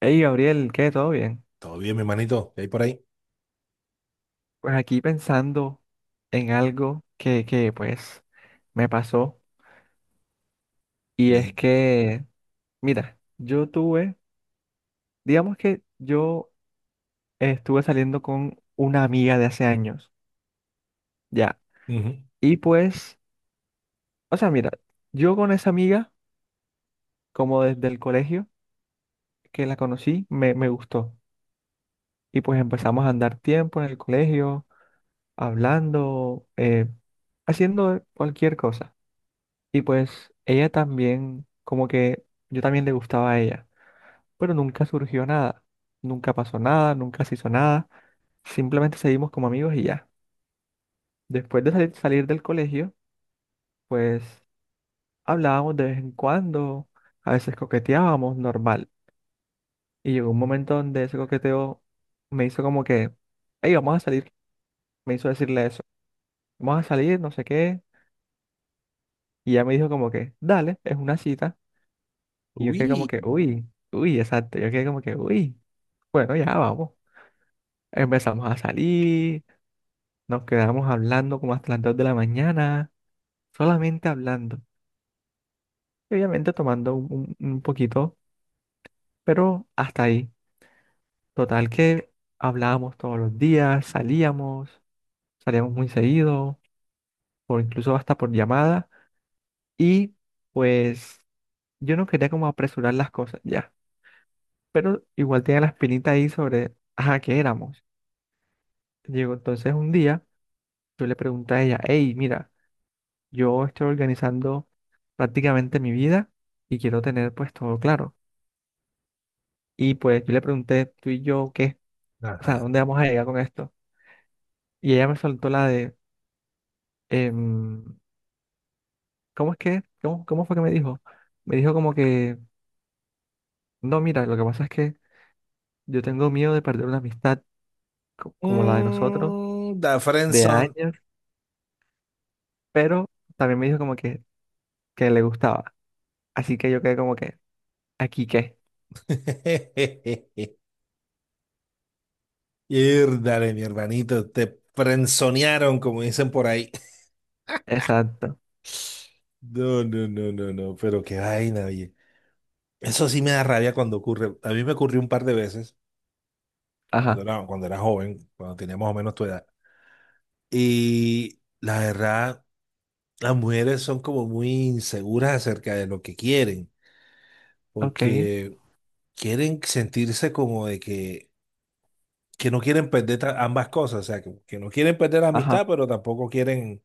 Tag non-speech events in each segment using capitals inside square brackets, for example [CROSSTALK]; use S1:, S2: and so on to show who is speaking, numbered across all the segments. S1: Hey Gabriel, ¿qué? ¿Todo bien?
S2: Todo bien, mi hermanito. ¿Qué hay por ahí?
S1: Pues aquí pensando en algo que pues me pasó. Y es
S2: Bien.
S1: que, mira, yo tuve, digamos que yo estuve saliendo con una amiga de hace años, ya.
S2: Ujú.
S1: Y pues, o sea, mira, yo con esa amiga, como desde el colegio que la conocí, me gustó y pues empezamos a andar tiempo en el colegio, hablando, haciendo cualquier cosa. Y pues ella también, como que yo también le gustaba a ella, pero nunca surgió nada, nunca pasó nada, nunca se hizo nada, simplemente seguimos como amigos y ya. Después de salir del colegio, pues hablábamos de vez en cuando, a veces coqueteábamos normal. Y llegó un momento donde ese coqueteo me hizo como que, hey, vamos a salir, me hizo decirle eso, vamos a salir, no sé qué, y ella me dijo como que, dale, es una cita, y yo quedé como
S2: Uy.
S1: que, uy, uy, exacto, yo quedé como que, uy, bueno, ya vamos. Empezamos a salir, nos quedamos hablando como hasta las 2 de la mañana, solamente hablando. Y obviamente tomando un poquito, pero hasta ahí. Total que hablábamos todos los días, salíamos, salíamos muy seguido, o incluso hasta por llamada. Y pues yo no quería como apresurar las cosas ya, pero igual tenía la espinita ahí sobre, ajá, ¿qué éramos? Llegó entonces un día, yo le pregunté a ella, hey, mira, yo estoy organizando prácticamente mi vida y quiero tener pues todo claro. Y pues yo le pregunté, tú y yo, ¿qué? O sea,
S2: Ajá.
S1: ¿dónde vamos a llegar con esto? Y ella me soltó la de, em, ¿cómo es que? ¿Cómo fue que me dijo? Me dijo como que, no, mira, lo que pasa es que yo tengo miedo de perder una amistad como la de nosotros,
S2: Mm, da
S1: de
S2: friendzone.
S1: años, pero también me dijo como que le gustaba. Así que yo quedé como que, ¿aquí qué?
S2: [LAUGHS] Dale, mi hermanito, te frenzonearon, como dicen por ahí.
S1: Exacto.
S2: No, no, no, no, no, pero qué vaina, oye. Eso sí me da rabia cuando ocurre. A mí me ocurrió un par de veces
S1: Ajá.
S2: cuando era joven, cuando tenía más o menos tu edad. Y la verdad, las mujeres son como muy inseguras acerca de lo que quieren.
S1: Ok.
S2: Porque quieren sentirse como de que no quieren perder ambas cosas, o sea, que no quieren perder la
S1: Ajá.
S2: amistad, pero tampoco quieren,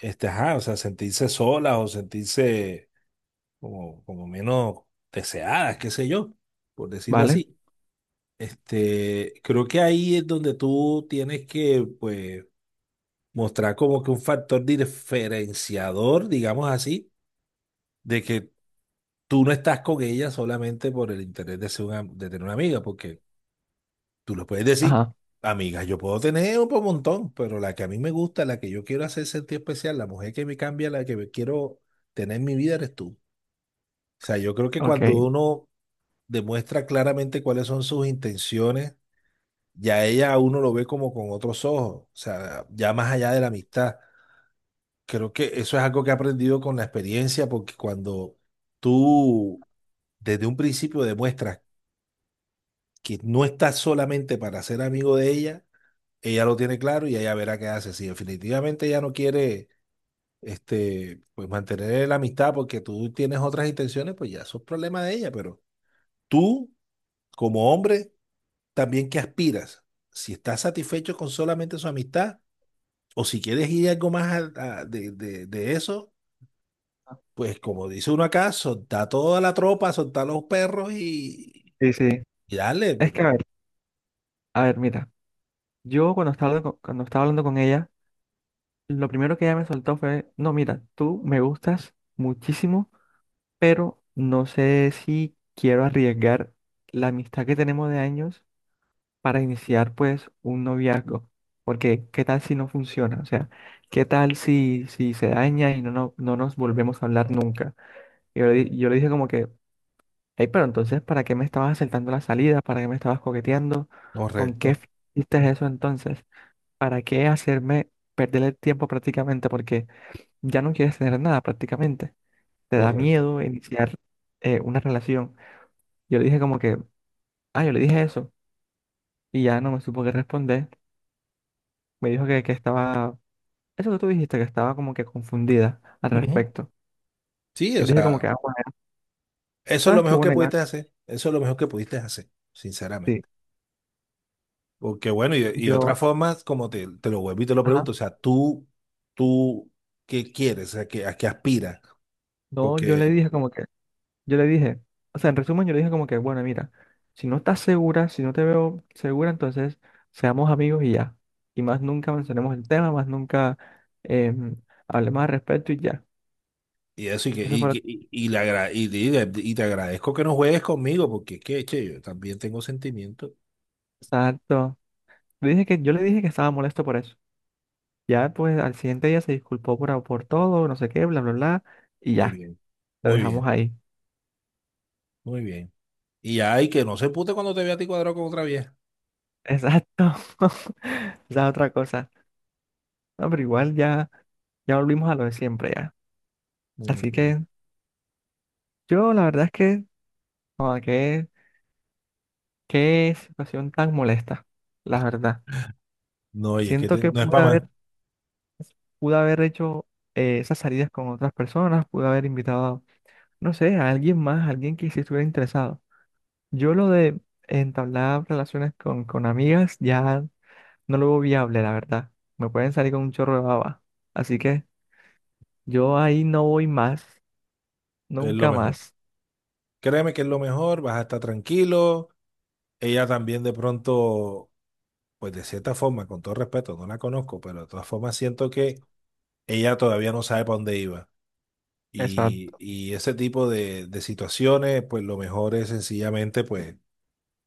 S2: este, ajá, o sea, sentirse solas o sentirse como, como menos deseadas, qué sé yo, por decirlo
S1: ¿Vale?
S2: así. Este, creo que ahí es donde tú tienes que, pues, mostrar como que un factor diferenciador, digamos así, de que tú no estás con ella solamente por el interés de ser una, de tener una amiga, porque tú le puedes decir,
S1: Ajá.
S2: amigas, yo puedo tener montón, pero la que a mí me gusta, la que yo quiero hacer sentir especial, la mujer que me cambia, la que me quiero tener en mi vida, eres tú. O sea, yo creo que cuando
S1: Ok.
S2: uno demuestra claramente cuáles son sus intenciones, ya ella a uno lo ve como con otros ojos, o sea, ya más allá de la amistad. Creo que eso es algo que he aprendido con la experiencia, porque cuando tú desde un principio demuestras que no estás solamente para ser amigo de ella, ella lo tiene claro y ella verá qué hace. Si definitivamente ella no quiere, este, pues mantener la amistad porque tú tienes otras intenciones, pues ya eso es problema de ella. Pero tú, como hombre, también que aspiras, si estás satisfecho con solamente su amistad o si quieres ir algo más de eso, pues como dice uno acá, soltá toda la tropa, soltá los perros
S1: Sí, sí.
S2: y dale,
S1: Es que
S2: pero
S1: a ver, mira. Yo cuando estaba, cuando estaba hablando con ella, lo primero que ella me soltó fue, no, mira, tú me gustas muchísimo, pero no sé si quiero arriesgar la amistad que tenemos de años para iniciar pues un noviazgo, porque ¿qué tal si no funciona? O sea, ¿qué tal si, si se daña y no nos volvemos a hablar nunca? Y yo, yo le dije como que, hey, pero entonces, ¿para qué me estabas aceptando la salida? ¿Para qué me estabas coqueteando? ¿Con qué
S2: correcto,
S1: hiciste eso entonces? ¿Para qué hacerme perder el tiempo prácticamente? Porque ya no quieres tener nada prácticamente. Te da
S2: correcto.
S1: miedo iniciar una relación. Yo le dije como que, ah, yo le dije eso. Y ya no me supo qué responder. Me dijo que estaba, eso que tú dijiste, que estaba como que confundida al
S2: Ujú.
S1: respecto.
S2: Sí,
S1: Yo
S2: o
S1: le dije como que,
S2: sea.
S1: ah, bueno,
S2: Eso es lo
S1: ¿sabes qué
S2: mejor que
S1: bueno era?
S2: pudiste hacer. Eso es lo mejor que pudiste hacer,
S1: Sí.
S2: sinceramente. Porque bueno, y de otra
S1: Yo,
S2: forma, como te lo vuelvo y te lo
S1: ajá.
S2: pregunto, o sea, tú, ¿qué quieres? O sea, ¿qué?, ¿a qué aspiras?
S1: No, yo le
S2: Porque,
S1: dije como que yo le dije, o sea, en resumen, yo le dije como que, bueno, mira, si no estás segura, si no te veo segura, entonces seamos amigos y ya. Y más nunca mencionemos el tema, más nunca em, hablemos al respecto y ya.
S2: y eso,
S1: Eso fue lo que...
S2: y le agra- y, dile- y te agradezco que no juegues conmigo, porque es que, che, yo también tengo sentimientos.
S1: Exacto. Le dije yo le dije que estaba molesto por eso. Ya, pues, al siguiente día se disculpó por todo, no sé qué, bla, bla, bla, y
S2: Muy
S1: ya,
S2: bien,
S1: lo
S2: muy
S1: dejamos
S2: bien,
S1: ahí.
S2: muy bien. Y ay, que no se pute cuando te vea a ti cuadrado con otra vieja.
S1: Exacto. [LAUGHS] Esa es otra cosa. No, pero igual ya, ya volvimos a lo de siempre, ya.
S2: Mm,
S1: Así
S2: ok.
S1: que yo, la verdad es que, como que qué situación tan molesta, la verdad.
S2: No, y es que
S1: Siento que
S2: no es para más,
S1: pude haber hecho esas salidas con otras personas, pude haber invitado, no sé, a alguien más, a alguien que sí estuviera interesado. Yo lo de entablar relaciones con amigas ya no lo veo viable, la verdad. Me pueden salir con un chorro de baba. Así que yo ahí no voy más,
S2: es lo
S1: nunca
S2: mejor.
S1: más.
S2: Créeme que es lo mejor, vas a estar tranquilo. Ella también de pronto, pues de cierta forma, con todo respeto, no la conozco, pero de todas formas siento que ella todavía no sabe para dónde iba.
S1: Exacto,
S2: Y ese tipo de situaciones, pues lo mejor es sencillamente, pues,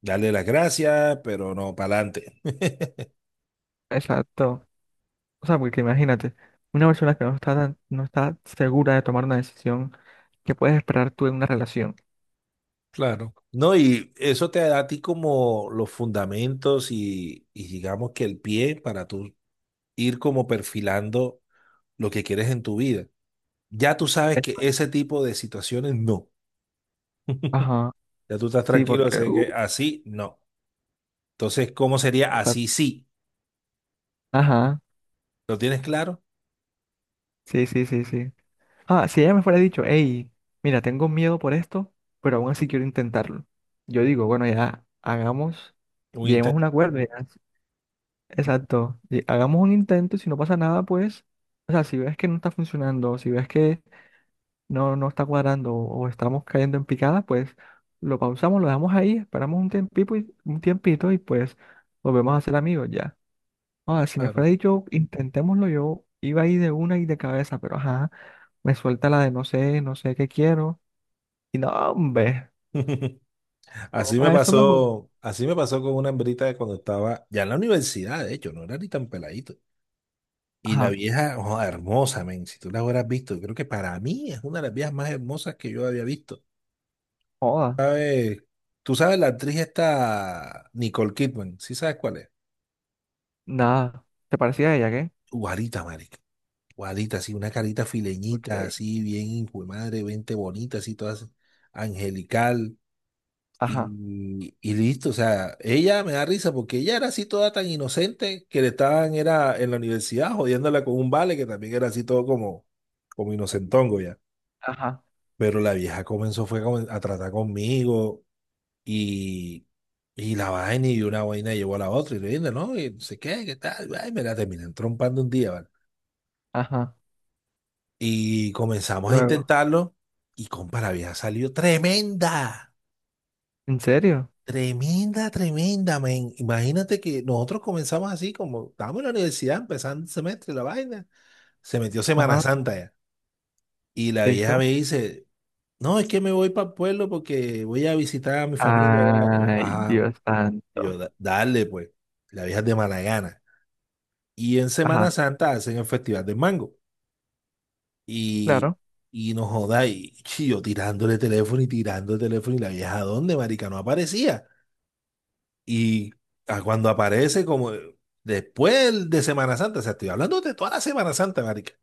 S2: darle las gracias, pero no para adelante. [LAUGHS]
S1: exacto. O sea, porque imagínate, una persona que no está segura de tomar una decisión, ¿qué puedes esperar tú en una relación?
S2: Claro. No, y eso te da a ti como los fundamentos y digamos que el pie para tú ir como perfilando lo que quieres en tu vida. Ya tú sabes que ese
S1: Exacto.
S2: tipo de situaciones no. [LAUGHS]
S1: Ajá,
S2: Ya tú estás
S1: sí,
S2: tranquilo,
S1: porque...
S2: sé que así no. Entonces, ¿cómo sería
S1: exacto.
S2: así sí?
S1: Ajá,
S2: ¿Lo tienes claro?
S1: sí, sí, sí, sí. Ah, si ella me fuera dicho, hey, mira, tengo miedo por esto, pero aún así quiero intentarlo. Yo digo, bueno, ya hagamos,
S2: Un
S1: lleguemos a
S2: intento
S1: un acuerdo, ya. Exacto, y hagamos un intento y si no pasa nada, pues, o sea, si ves que no está funcionando, si ves que no está cuadrando o estamos cayendo en picada, pues lo pausamos, lo dejamos ahí, esperamos un tiempito un tiempito y pues volvemos a ser amigos, ya. Ah, si me
S2: claro.
S1: fuera dicho, intentémoslo, yo iba ahí de una y de cabeza, pero ajá, me suelta la de no sé, no sé qué quiero. Y no, hombre,
S2: [LAUGHS]
S1: yo para eso mejor.
S2: Así me pasó con una hembrita de cuando estaba ya en la universidad, de hecho, no era ni tan peladito. Y la
S1: Ajá,
S2: vieja, oh, hermosa, men, si tú la hubieras visto, yo creo que para mí es una de las viejas más hermosas que yo había visto.
S1: joda,
S2: ¿Sabes? Tú sabes la actriz esta Nicole Kidman, ¿sí sabes cuál es?
S1: nada. ¿Te parecía a ella, qué?
S2: Guarita, marica. Guadita, así, una carita
S1: Ok.
S2: fileñita, así, bien, hijo de madre, vente bonita, así, todas angelical.
S1: Ajá,
S2: Y listo, o sea, ella me da risa porque ella era así toda tan inocente que le estaban, era en la universidad jodiéndola con un vale que también era así todo como, como inocentongo ya.
S1: ajá,
S2: Pero la vieja comenzó fue como a tratar conmigo y, y la vaina y una vaina llevó a la otra y le dije, no, y no sé qué, qué tal, ay, me la terminan trompando un día.
S1: ajá.
S2: Y comenzamos a
S1: Luego,
S2: intentarlo y, compa, había salido tremenda,
S1: ¿en serio?
S2: tremenda, tremenda, men. Imagínate que nosotros comenzamos así, como estábamos en la universidad, empezando el semestre, la vaina. Se metió Semana
S1: Ajá,
S2: Santa ya. Y la vieja me
S1: listo.
S2: dice, no, es que me voy para el pueblo porque voy a visitar a mi familia allá". Y yo,
S1: Ay,
S2: ajá.
S1: Dios
S2: Y yo,
S1: santo.
S2: Dale pues". La vieja es de mala gana. Y en Semana
S1: Ajá,
S2: Santa hacen el Festival del Mango. Y,
S1: claro,
S2: y no joda, y chi, yo tirándole teléfono y tirando el teléfono y la vieja, ¿dónde, marica? No aparecía. Y a cuando aparece, como después de Semana Santa, o sea, estoy hablando de toda la Semana Santa, marica.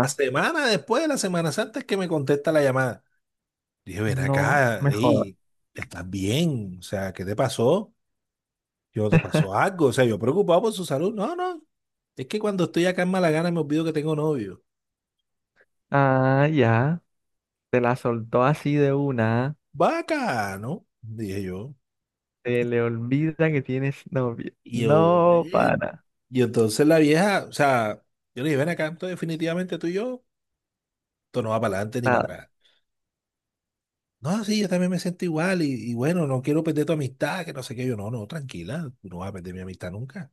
S2: La semana después de la Semana Santa es que me contesta la llamada. Dije, ven
S1: no
S2: acá,
S1: me jodas.
S2: ey, ¿estás bien? O sea, ¿qué te pasó? Yo, ¿te pasó algo? O sea, yo preocupado por su salud. No, no, es que cuando estoy acá en Malagana me olvido que tengo novio.
S1: Ah, ya, te la soltó así de una.
S2: Bacano, dije yo.
S1: Se le olvida que tienes novia.
S2: Y yo, bueno.
S1: No, para
S2: Y entonces la vieja, o sea, yo le dije, ven acá, entonces definitivamente tú y yo, esto no va para adelante ni para
S1: nada.
S2: atrás. No, sí, yo también me siento igual y bueno, no quiero perder tu amistad, que no sé qué. Yo, no, no, tranquila, tú no vas a perder mi amistad nunca.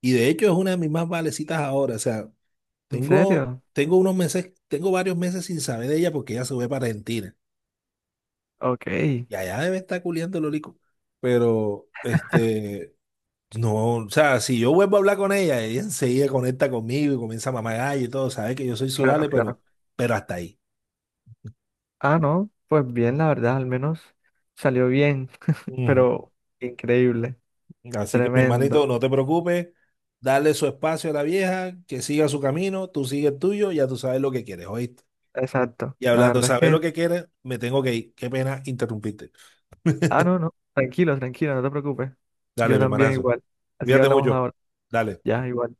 S2: Y de hecho es una de mis más valecitas ahora, o sea,
S1: ¿En serio?
S2: tengo unos meses, tengo varios meses sin saber de ella porque ella se fue para Argentina
S1: Ok,
S2: y allá debe estar culiando el olico. Pero, este, no, o sea, si yo vuelvo a hablar con ella, ella enseguida conecta conmigo y comienza a mamar gallo y todo, sabe que yo soy su
S1: claro,
S2: vale,
S1: claro.
S2: pero hasta ahí.
S1: Ah, no, pues bien, la verdad, al menos salió bien,
S2: Ujú.
S1: pero increíble,
S2: Así que mi hermanito,
S1: tremendo,
S2: no te preocupes, dale su espacio a la vieja, que siga su camino, tú sigue el tuyo, ya tú sabes lo que quieres, ¿oíste?
S1: exacto.
S2: Y
S1: La
S2: hablando de
S1: verdad es
S2: saber
S1: que,
S2: lo que quieres, me tengo que ir. Qué pena interrumpirte.
S1: ah, no, no, tranquilo, tranquilo, no te preocupes.
S2: Dale,
S1: Yo
S2: mi
S1: también
S2: hermanazo.
S1: igual. Así que
S2: Cuídate
S1: hablamos
S2: mucho.
S1: ahora.
S2: Dale.
S1: Ya, igual.